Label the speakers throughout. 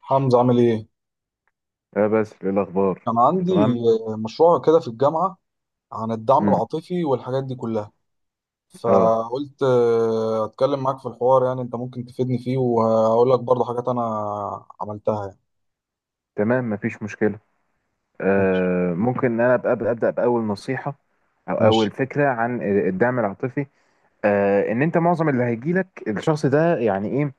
Speaker 1: حمزة عامل ايه؟
Speaker 2: اه بس، ايه الاخبار؟
Speaker 1: كان
Speaker 2: كله
Speaker 1: عندي
Speaker 2: تمام.
Speaker 1: مشروع كده في الجامعة عن الدعم
Speaker 2: امم.
Speaker 1: العاطفي والحاجات دي كلها.
Speaker 2: اه.
Speaker 1: فقلت اتكلم معاك في الحوار، يعني انت ممكن تفيدني فيه وهقول لك برضه حاجات انا عملتها يعني.
Speaker 2: تمام، مفيش مشكله.
Speaker 1: ماشي
Speaker 2: ممكن ان انا ابقى ابدا باول نصيحه، او اول
Speaker 1: ماشي.
Speaker 2: فكره عن الدعم العاطفي. ان انت معظم اللي هيجي لك الشخص ده، يعني ايه؟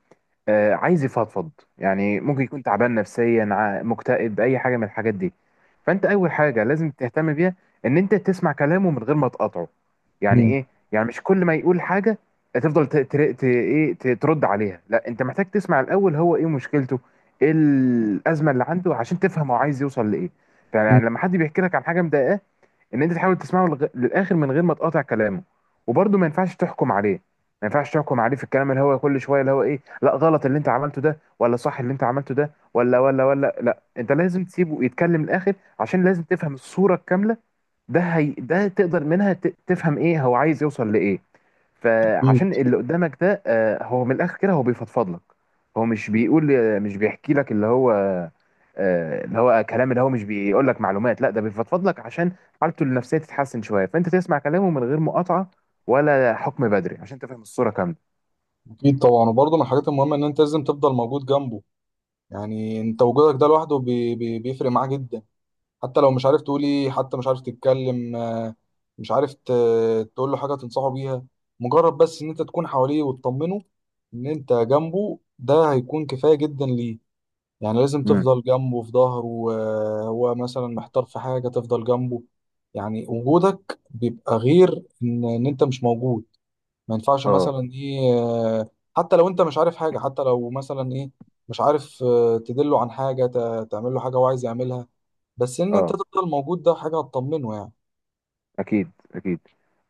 Speaker 2: عايز يفضفض. يعني ممكن يكون تعبان نفسيا، مكتئب، اي حاجه من الحاجات دي. فانت اول حاجه لازم تهتم بيها ان انت تسمع كلامه من غير ما تقاطعه. يعني
Speaker 1: مم.
Speaker 2: ايه؟ يعني مش كل ما يقول حاجه تفضل ترد عليها. لا، انت محتاج تسمع الاول هو ايه مشكلته، ايه الازمه اللي عنده، عشان تفهم هو عايز يوصل لايه.
Speaker 1: مم.
Speaker 2: يعني لما حد بيحكي لك عن حاجه مضايقاه، ان انت تحاول تسمعه للاخر من غير ما تقاطع كلامه. وبرضه ما ينفعش تحكم عليه. ما ينفعش تحكم عليه في الكلام، اللي هو كل شويه اللي هو ايه، لا غلط اللي انت عملته ده، ولا صح اللي انت عملته ده، ولا ولا ولا، لا انت لازم تسيبه يتكلم للاخر، عشان لازم تفهم الصوره الكامله. ده هي ده تقدر منها تفهم ايه هو عايز يوصل لايه.
Speaker 1: اكيد
Speaker 2: فعشان اللي قدامك ده، هو من الاخر كده هو بيفضفض لك. هو مش بيقول، مش بيحكي لك اللي هو، اللي هو كلام، اللي هو مش بيقول لك معلومات، لا ده بيفضفض لك عشان حالته النفسيه تتحسن شويه. فانت تسمع كلامه من غير مقاطعه، ولا حكم بدري، عشان تفهم الصوره كامله.
Speaker 1: اكيد طبعا، وبرضه من الحاجات المهمة ان انت لازم تفضل موجود جنبه. يعني انت وجودك ده لوحده بي بي بيفرق معاه جدا. حتى لو مش عارف تقولي، حتى مش عارف تتكلم، مش عارف تقول له حاجة تنصحه بيها. مجرد بس ان انت تكون حواليه وتطمنه ان انت جنبه، ده هيكون كفاية جدا ليه. يعني لازم
Speaker 2: امم.
Speaker 1: تفضل جنبه في ظهره، هو مثلا محتار في حاجة تفضل جنبه. يعني وجودك بيبقى غير ان انت مش موجود. ما ينفعش
Speaker 2: اه.
Speaker 1: مثلا ايه حتى لو انت مش عارف حاجة، حتى لو مثلا ايه مش عارف تدله عن حاجة، تعمل له حاجة هو عايز يعملها. بس ان انت
Speaker 2: اه.
Speaker 1: تفضل موجود، ده حاجه هتطمنه يعني.
Speaker 2: اكيد، اكيد.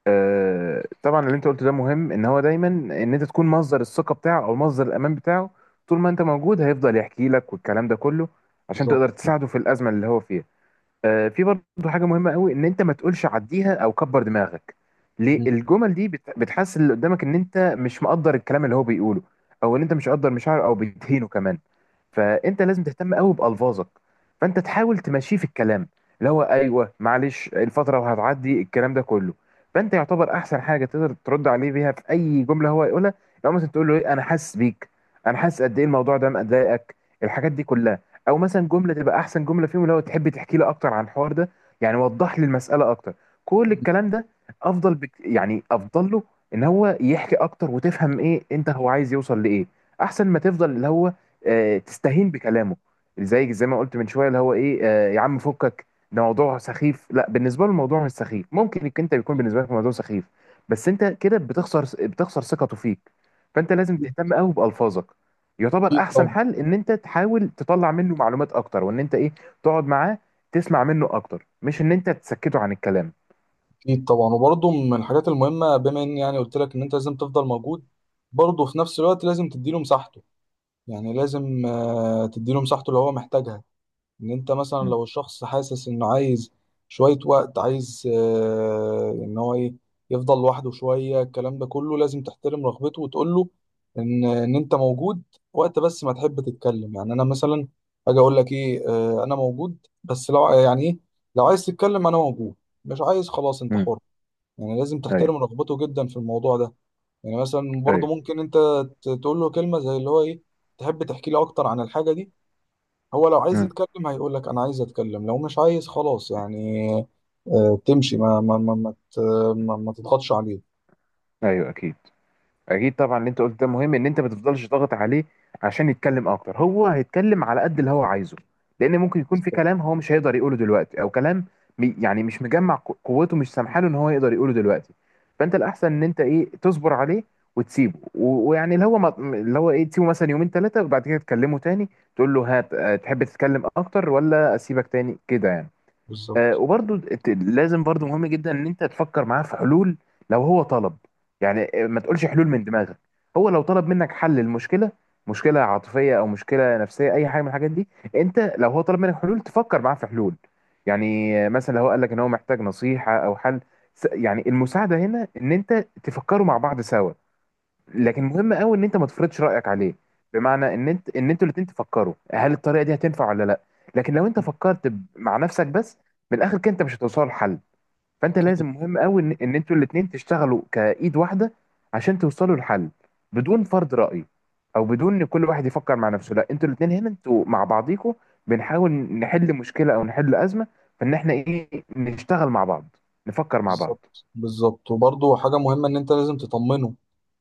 Speaker 2: طبعا اللي انت قلته ده مهم، ان هو دايما ان انت تكون مصدر الثقه بتاعه او مصدر الامان بتاعه. طول ما انت موجود هيفضل يحكي لك والكلام ده كله، عشان
Speaker 1: بالظبط.
Speaker 2: تقدر تساعده في الازمه اللي هو فيها. في برضه حاجه مهمه قوي، ان انت ما تقولش عديها او كبر دماغك. ليه؟
Speaker 1: مم.
Speaker 2: الجمل دي بتحسس اللي قدامك ان انت مش مقدر الكلام اللي هو بيقوله، او ان انت مش مقدر مشاعره، او بتهينه كمان. فانت لازم تهتم قوي بالفاظك. فانت تحاول تمشيه في الكلام اللي هو ايوه معلش، الفتره وهتعدي، الكلام ده كله. فانت يعتبر احسن حاجه تقدر ترد عليه بيها في اي جمله هو يقولها، لو مثلا تقول له ايه، انا حاسس بيك، انا حاسس قد ايه الموضوع ده مضايقك، الحاجات دي كلها. او مثلا جمله تبقى احسن جمله فيهم، لو تحب تحكي لي اكتر عن الحوار ده، يعني وضح لي المساله اكتر، كل
Speaker 1: مم.
Speaker 2: الكلام ده. افضل بك، يعني افضل له ان هو يحكي اكتر، وتفهم ايه انت هو عايز يوصل لايه، احسن ما تفضل اللي هو تستهين بكلامه. زي ما قلت من شويه، اللي هو ايه يا عم فكك، ده موضوع سخيف. لا بالنسبه له الموضوع مش سخيف، ممكن إنك انت يكون بالنسبه لك الموضوع سخيف، بس انت كده بتخسر، بتخسر ثقته فيك. فانت لازم تهتم قوي بالفاظك. يعتبر
Speaker 1: اكيد
Speaker 2: احسن
Speaker 1: طبعا.
Speaker 2: حل ان انت تحاول تطلع منه معلومات اكتر، وان انت ايه تقعد معاه، تسمع منه اكتر، مش ان انت تسكته عن الكلام.
Speaker 1: اكيد طبعا، وبرضه من الحاجات المهمه، بما اني يعني قلت لك ان انت لازم تفضل موجود، برضه في نفس الوقت لازم تديله مساحته. يعني لازم تديله مساحته اللي هو محتاجها. ان انت مثلا لو الشخص حاسس انه عايز شوية وقت، عايز ان هو ايه يفضل لوحده شوية، الكلام ده كله لازم تحترم رغبته وتقول له ان انت موجود وقت بس ما تحب تتكلم. يعني انا مثلا اجي اقول لك ايه انا موجود، بس لو يعني ايه لو عايز تتكلم انا موجود. مش عايز، خلاص انت
Speaker 2: امم.
Speaker 1: حر. يعني لازم تحترم
Speaker 2: ايوه.
Speaker 1: رغبته جدا في الموضوع ده. يعني مثلا برضه
Speaker 2: ايوه.
Speaker 1: ممكن انت تقول له كلمة زي اللي هو ايه، تحب تحكي لي اكتر عن الحاجة دي؟ هو لو عايز
Speaker 2: امم.
Speaker 1: يتكلم هيقول لك انا عايز اتكلم، لو مش عايز خلاص يعني. تمشي ما تضغطش عليه.
Speaker 2: ايوه. اكيد. اكيد طبعا اللي انت قلت ده مهم، ان انت ما تفضلش ضاغط عليه عشان يتكلم اكتر. هو هيتكلم على قد اللي هو عايزه، لان ممكن يكون في كلام هو مش هيقدر يقوله دلوقتي، او كلام يعني مش مجمع قوته، مش سامحاله ان هو يقدر يقوله دلوقتي. فانت الاحسن ان انت ايه تصبر عليه، وتسيبه ويعني اللي هو اللي هو ايه تسيبه مثلا يومين ثلاثه، وبعد كده تكلمه تاني. تقول له هات، تحب تتكلم اكتر ولا اسيبك تاني كده يعني.
Speaker 1: بالظبط
Speaker 2: وبرضو لازم برضو مهم جدا ان انت تفكر معاه في حلول لو هو طلب. يعني ما تقولش حلول من دماغك. هو لو طلب منك حل المشكله، مشكله عاطفيه او مشكله نفسيه، اي حاجه من الحاجات دي، انت لو هو طلب منك حلول تفكر معاه في حلول. يعني مثلا لو هو قال لك ان هو محتاج نصيحه او حل، يعني المساعده هنا ان انت تفكروا مع بعض سوا. لكن مهم قوي ان انت ما تفرضش رايك عليه، بمعنى ان انتوا الاتنين تفكروا هل الطريقه دي هتنفع ولا لا. لكن لو انت فكرت مع نفسك بس، من الاخر كده انت مش هتوصلوا لحل. فانت لازم مهم قوي ان انتوا الاتنين تشتغلوا كايد واحده عشان توصلوا لحل، بدون فرض راي، او بدون ان كل واحد يفكر مع نفسه. لا انتوا الاتنين هنا، انتوا مع بعضيكوا بنحاول نحل مشكله او نحل ازمه، فان احنا ايه نشتغل مع بعض، نفكر مع بعض.
Speaker 1: بالظبط. بالظبط وبرضه حاجة مهمة إن أنت لازم تطمنه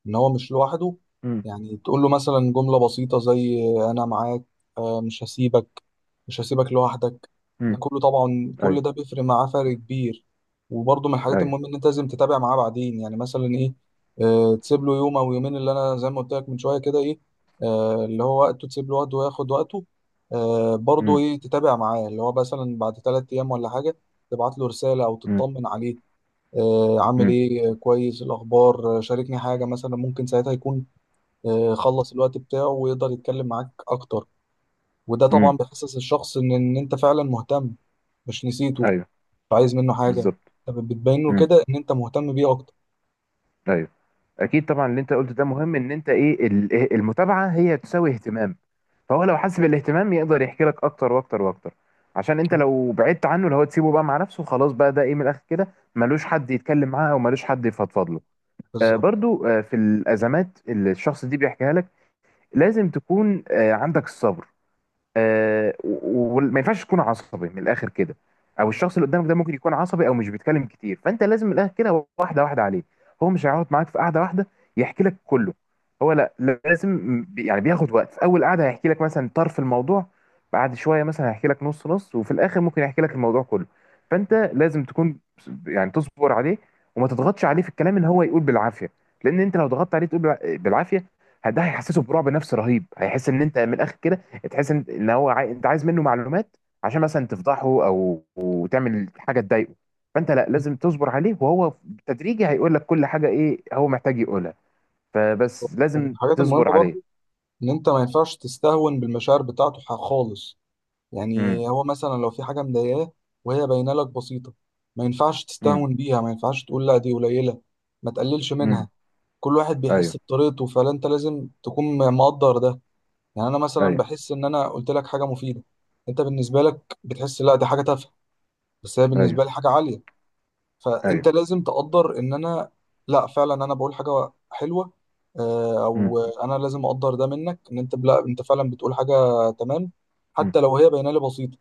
Speaker 1: إن هو مش لوحده.
Speaker 2: مم.
Speaker 1: يعني تقول له مثلا جملة بسيطة زي أنا معاك، مش هسيبك، مش هسيبك لوحدك. ده
Speaker 2: مم.
Speaker 1: كله طبعا، كل
Speaker 2: ايوه.
Speaker 1: ده بيفرق معاه فرق كبير. وبرضه من الحاجات
Speaker 2: ايوه.
Speaker 1: المهمة إن أنت لازم تتابع معاه بعدين. يعني مثلا إيه، تسيب له يوم أو يومين، اللي أنا زي ما قلت لك من شوية كده إيه، اللي هو وقته، تسيب له وقته وياخد وقته. برضه
Speaker 2: امم.
Speaker 1: إيه تتابع معاه، اللي هو مثلا بعد تلات أيام ولا حاجة، تبعت له رسالة أو
Speaker 2: امم.
Speaker 1: تطمن عليه. عامل ايه، كويس، إيه الاخبار، شاركني حاجه مثلا. ممكن ساعتها يكون خلص الوقت بتاعه ويقدر يتكلم معاك اكتر. وده طبعا
Speaker 2: امم.
Speaker 1: بيحسس الشخص ان انت فعلا مهتم، مش نسيته، مش
Speaker 2: ايوه.
Speaker 1: عايز منه حاجه.
Speaker 2: بالظبط.
Speaker 1: طب بتبين له
Speaker 2: امم.
Speaker 1: كده ان انت مهتم بيه اكتر.
Speaker 2: ايوه. اكيد طبعا اللي انت قلته ده مهم، ان انت ايه ال- إيه، المتابعه هي تساوي اهتمام. فهو لو حس بالاهتمام يقدر يحكي لك اكتر واكتر واكتر، عشان انت لو بعدت عنه، اللي هو تسيبه بقى مع نفسه، خلاص بقى ده ايه من الاخر كده ملوش حد يتكلم معاه، او ملوش حد يفضفض له. آه
Speaker 1: بالظبط.
Speaker 2: برضو، آه في الازمات اللي الشخص دي بيحكيها لك، لازم تكون آه عندك الصبر. وما ينفعش تكون عصبي من الاخر كده، او الشخص اللي قدامك ده ممكن يكون عصبي او مش بيتكلم كتير، فانت لازم من الاخر كده واحده واحده عليه. هو مش هيقعد معاك في قعده واحده يحكي لك كله. هو لا، لازم يعني بياخد وقت. في اول قعده هيحكي لك مثلا طرف الموضوع، بعد شويه مثلا هيحكي لك نص نص، وفي الاخر ممكن يحكي لك الموضوع كله. فانت لازم تكون يعني تصبر عليه، وما تضغطش عليه في الكلام ان هو يقول بالعافيه. لان انت لو ضغطت عليه تقول بالعافيه، ده هيحسسه برعب نفسي رهيب. هيحس ان انت من الاخر كده تحس ان هو انت عايز منه معلومات، عشان مثلا تفضحه او تعمل حاجه تضايقه. فانت لا لازم تصبر عليه، وهو تدريجي هيقول لك كل حاجه ايه هو محتاج يقولها. فبس
Speaker 1: ومن
Speaker 2: لازم
Speaker 1: الحاجات المهمه
Speaker 2: تصبر عليه.
Speaker 1: برضو ان انت ما ينفعش تستهون بالمشاعر بتاعته خالص.
Speaker 2: امم.
Speaker 1: يعني هو مثلا لو في حاجه مضايقاه وهي باينه لك بسيطه، ما ينفعش
Speaker 2: امم.
Speaker 1: تستهون بيها، ما ينفعش تقول لا دي قليله، ما تقللش منها.
Speaker 2: امم.
Speaker 1: كل واحد بيحس
Speaker 2: ايوه.
Speaker 1: بطريقته، فانت لازم تكون مقدر ده. يعني انا مثلا
Speaker 2: ايوه.
Speaker 1: بحس ان انا قلت لك حاجه مفيده، انت بالنسبه لك بتحس لا دي حاجه تافهه، بس هي بالنسبه لي
Speaker 2: ايوه.
Speaker 1: حاجه عاليه.
Speaker 2: ايوه.
Speaker 1: فانت لازم تقدر ان انا لا فعلا انا بقول حاجه حلوه،
Speaker 2: امم.
Speaker 1: او انا لازم اقدر ده منك ان انت لا انت فعلا بتقول حاجه تمام.
Speaker 2: امم.
Speaker 1: حتى لو هي باينه لي بسيطه،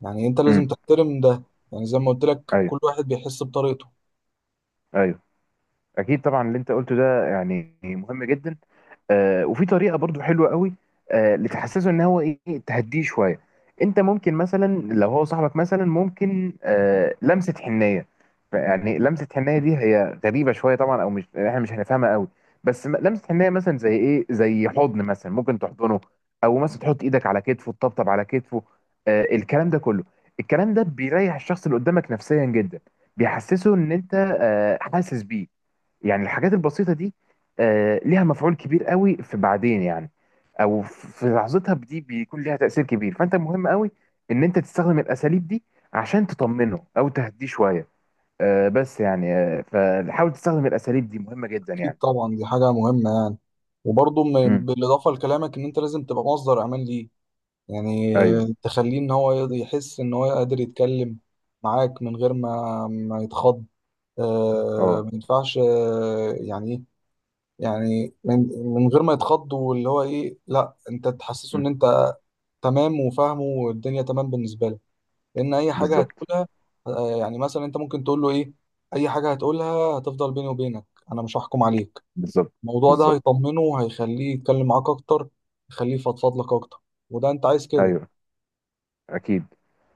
Speaker 1: يعني انت لازم
Speaker 2: أمم.
Speaker 1: تحترم ده. يعني زي ما قلت لك
Speaker 2: ايوه.
Speaker 1: كل واحد بيحس بطريقته.
Speaker 2: ايوه. اكيد طبعا اللي انت قلته ده يعني مهم جدا. وفي طريقه برضو حلوه قوي، لتحسسه ان هو ايه تهديه شويه. انت ممكن مثلا لو هو صاحبك مثلا ممكن لمسه حنيه. يعني لمسه حنيه دي هي غريبه شويه طبعا، او مش احنا مش هنفهمها قوي. بس لمسه حنيه مثلا زي ايه، زي حضن مثلا، ممكن تحضنه، او مثلا تحط ايدك على كتفه، تطبطب على كتفه، الكلام ده كله. الكلام ده بيريح الشخص اللي قدامك نفسيا جدا، بيحسسه ان انت حاسس بيه. يعني الحاجات البسيطة دي ليها مفعول كبير قوي في بعدين يعني، او في لحظتها دي بيكون ليها تأثير كبير. فانت مهم قوي ان انت تستخدم الاساليب دي عشان تطمنه او تهديه شوية. بس يعني فحاول تستخدم الاساليب دي، مهمة جدا
Speaker 1: اكيد
Speaker 2: يعني.
Speaker 1: طبعا، دي حاجه مهمه يعني. وبرضه
Speaker 2: امم.
Speaker 1: بالاضافه لكلامك ان انت لازم تبقى مصدر امان ليه. يعني
Speaker 2: ايوه.
Speaker 1: تخليه ان هو يحس ان هو قادر يتكلم معاك من غير ما يتخض.
Speaker 2: اه.
Speaker 1: ما ينفعش يعني ايه، يعني من غير ما يتخض، واللي هو ايه لا انت تحسسه
Speaker 2: مم.
Speaker 1: ان انت تمام وفاهمه والدنيا تمام بالنسبه له. لان اي حاجه
Speaker 2: بالظبط.
Speaker 1: هتقولها، آه يعني مثلا انت ممكن تقول له ايه اي حاجه هتقولها هتفضل بيني وبينك، انا مش هحكم عليك.
Speaker 2: بالظبط.
Speaker 1: الموضوع ده
Speaker 2: بالظبط.
Speaker 1: هيطمنه وهيخليه يتكلم معاك اكتر، يخليه يفضفض لك اكتر، وده انت عايز كده.
Speaker 2: ايوه. اكيد.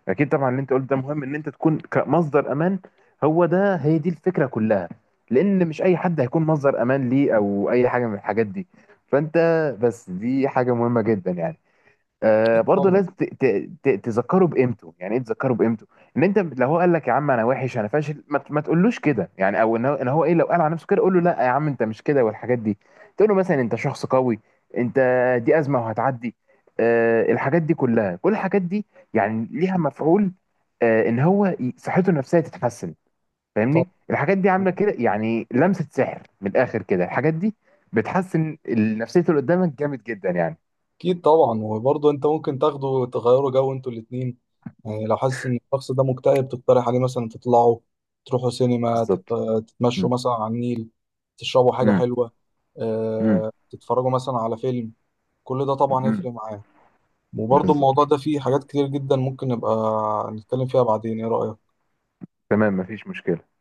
Speaker 2: اكيد طبعا اللي انت قلت ده مهم، ان انت تكون كمصدر امان. هو ده هي دي الفكره كلها، لان مش اي حد هيكون مصدر امان ليه او اي حاجه من الحاجات دي. فانت بس دي حاجه مهمه جدا يعني. آه
Speaker 1: اكيد
Speaker 2: برضه
Speaker 1: طبعا.
Speaker 2: لازم تذكره بقيمته. يعني ايه تذكره بقيمته؟ ان انت لو هو قال لك يا عم انا وحش انا فاشل، ما تقولوش كده يعني، او ان هو إن هو ايه لو قال على نفسه كده، قول له لا يا عم انت مش كده، والحاجات دي. تقول له مثلا انت شخص قوي، انت دي ازمه وهتعدي. آه الحاجات دي كلها، كل الحاجات دي يعني ليها مفعول، آه ان هو صحته النفسيه تتحسن.
Speaker 1: طب
Speaker 2: فاهمني الحاجات دي عامله كده، يعني لمسه سحر من الاخر كده الحاجات دي بتحسن نفسيه اللي قدامك جامد جدا يعني.
Speaker 1: اكيد طبعا، وبرضه انت ممكن تاخده تغيروا جو انتوا الاتنين. يعني لو حاسس ان الشخص ده مكتئب تقترح عليه مثلا تطلعوا، تروحوا سينما،
Speaker 2: بالظبط. م.
Speaker 1: تتمشوا مثلا على النيل، تشربوا حاجة
Speaker 2: م.
Speaker 1: حلوة،
Speaker 2: امم.
Speaker 1: تتفرجوا مثلا على فيلم. كل ده طبعا
Speaker 2: امم.
Speaker 1: هيفرق معاه. وبرضه الموضوع
Speaker 2: بالظبط.
Speaker 1: ده فيه حاجات كتير جدا ممكن نبقى نتكلم فيها بعدين، ايه رأيك؟
Speaker 2: تمام، مفيش مشكلة.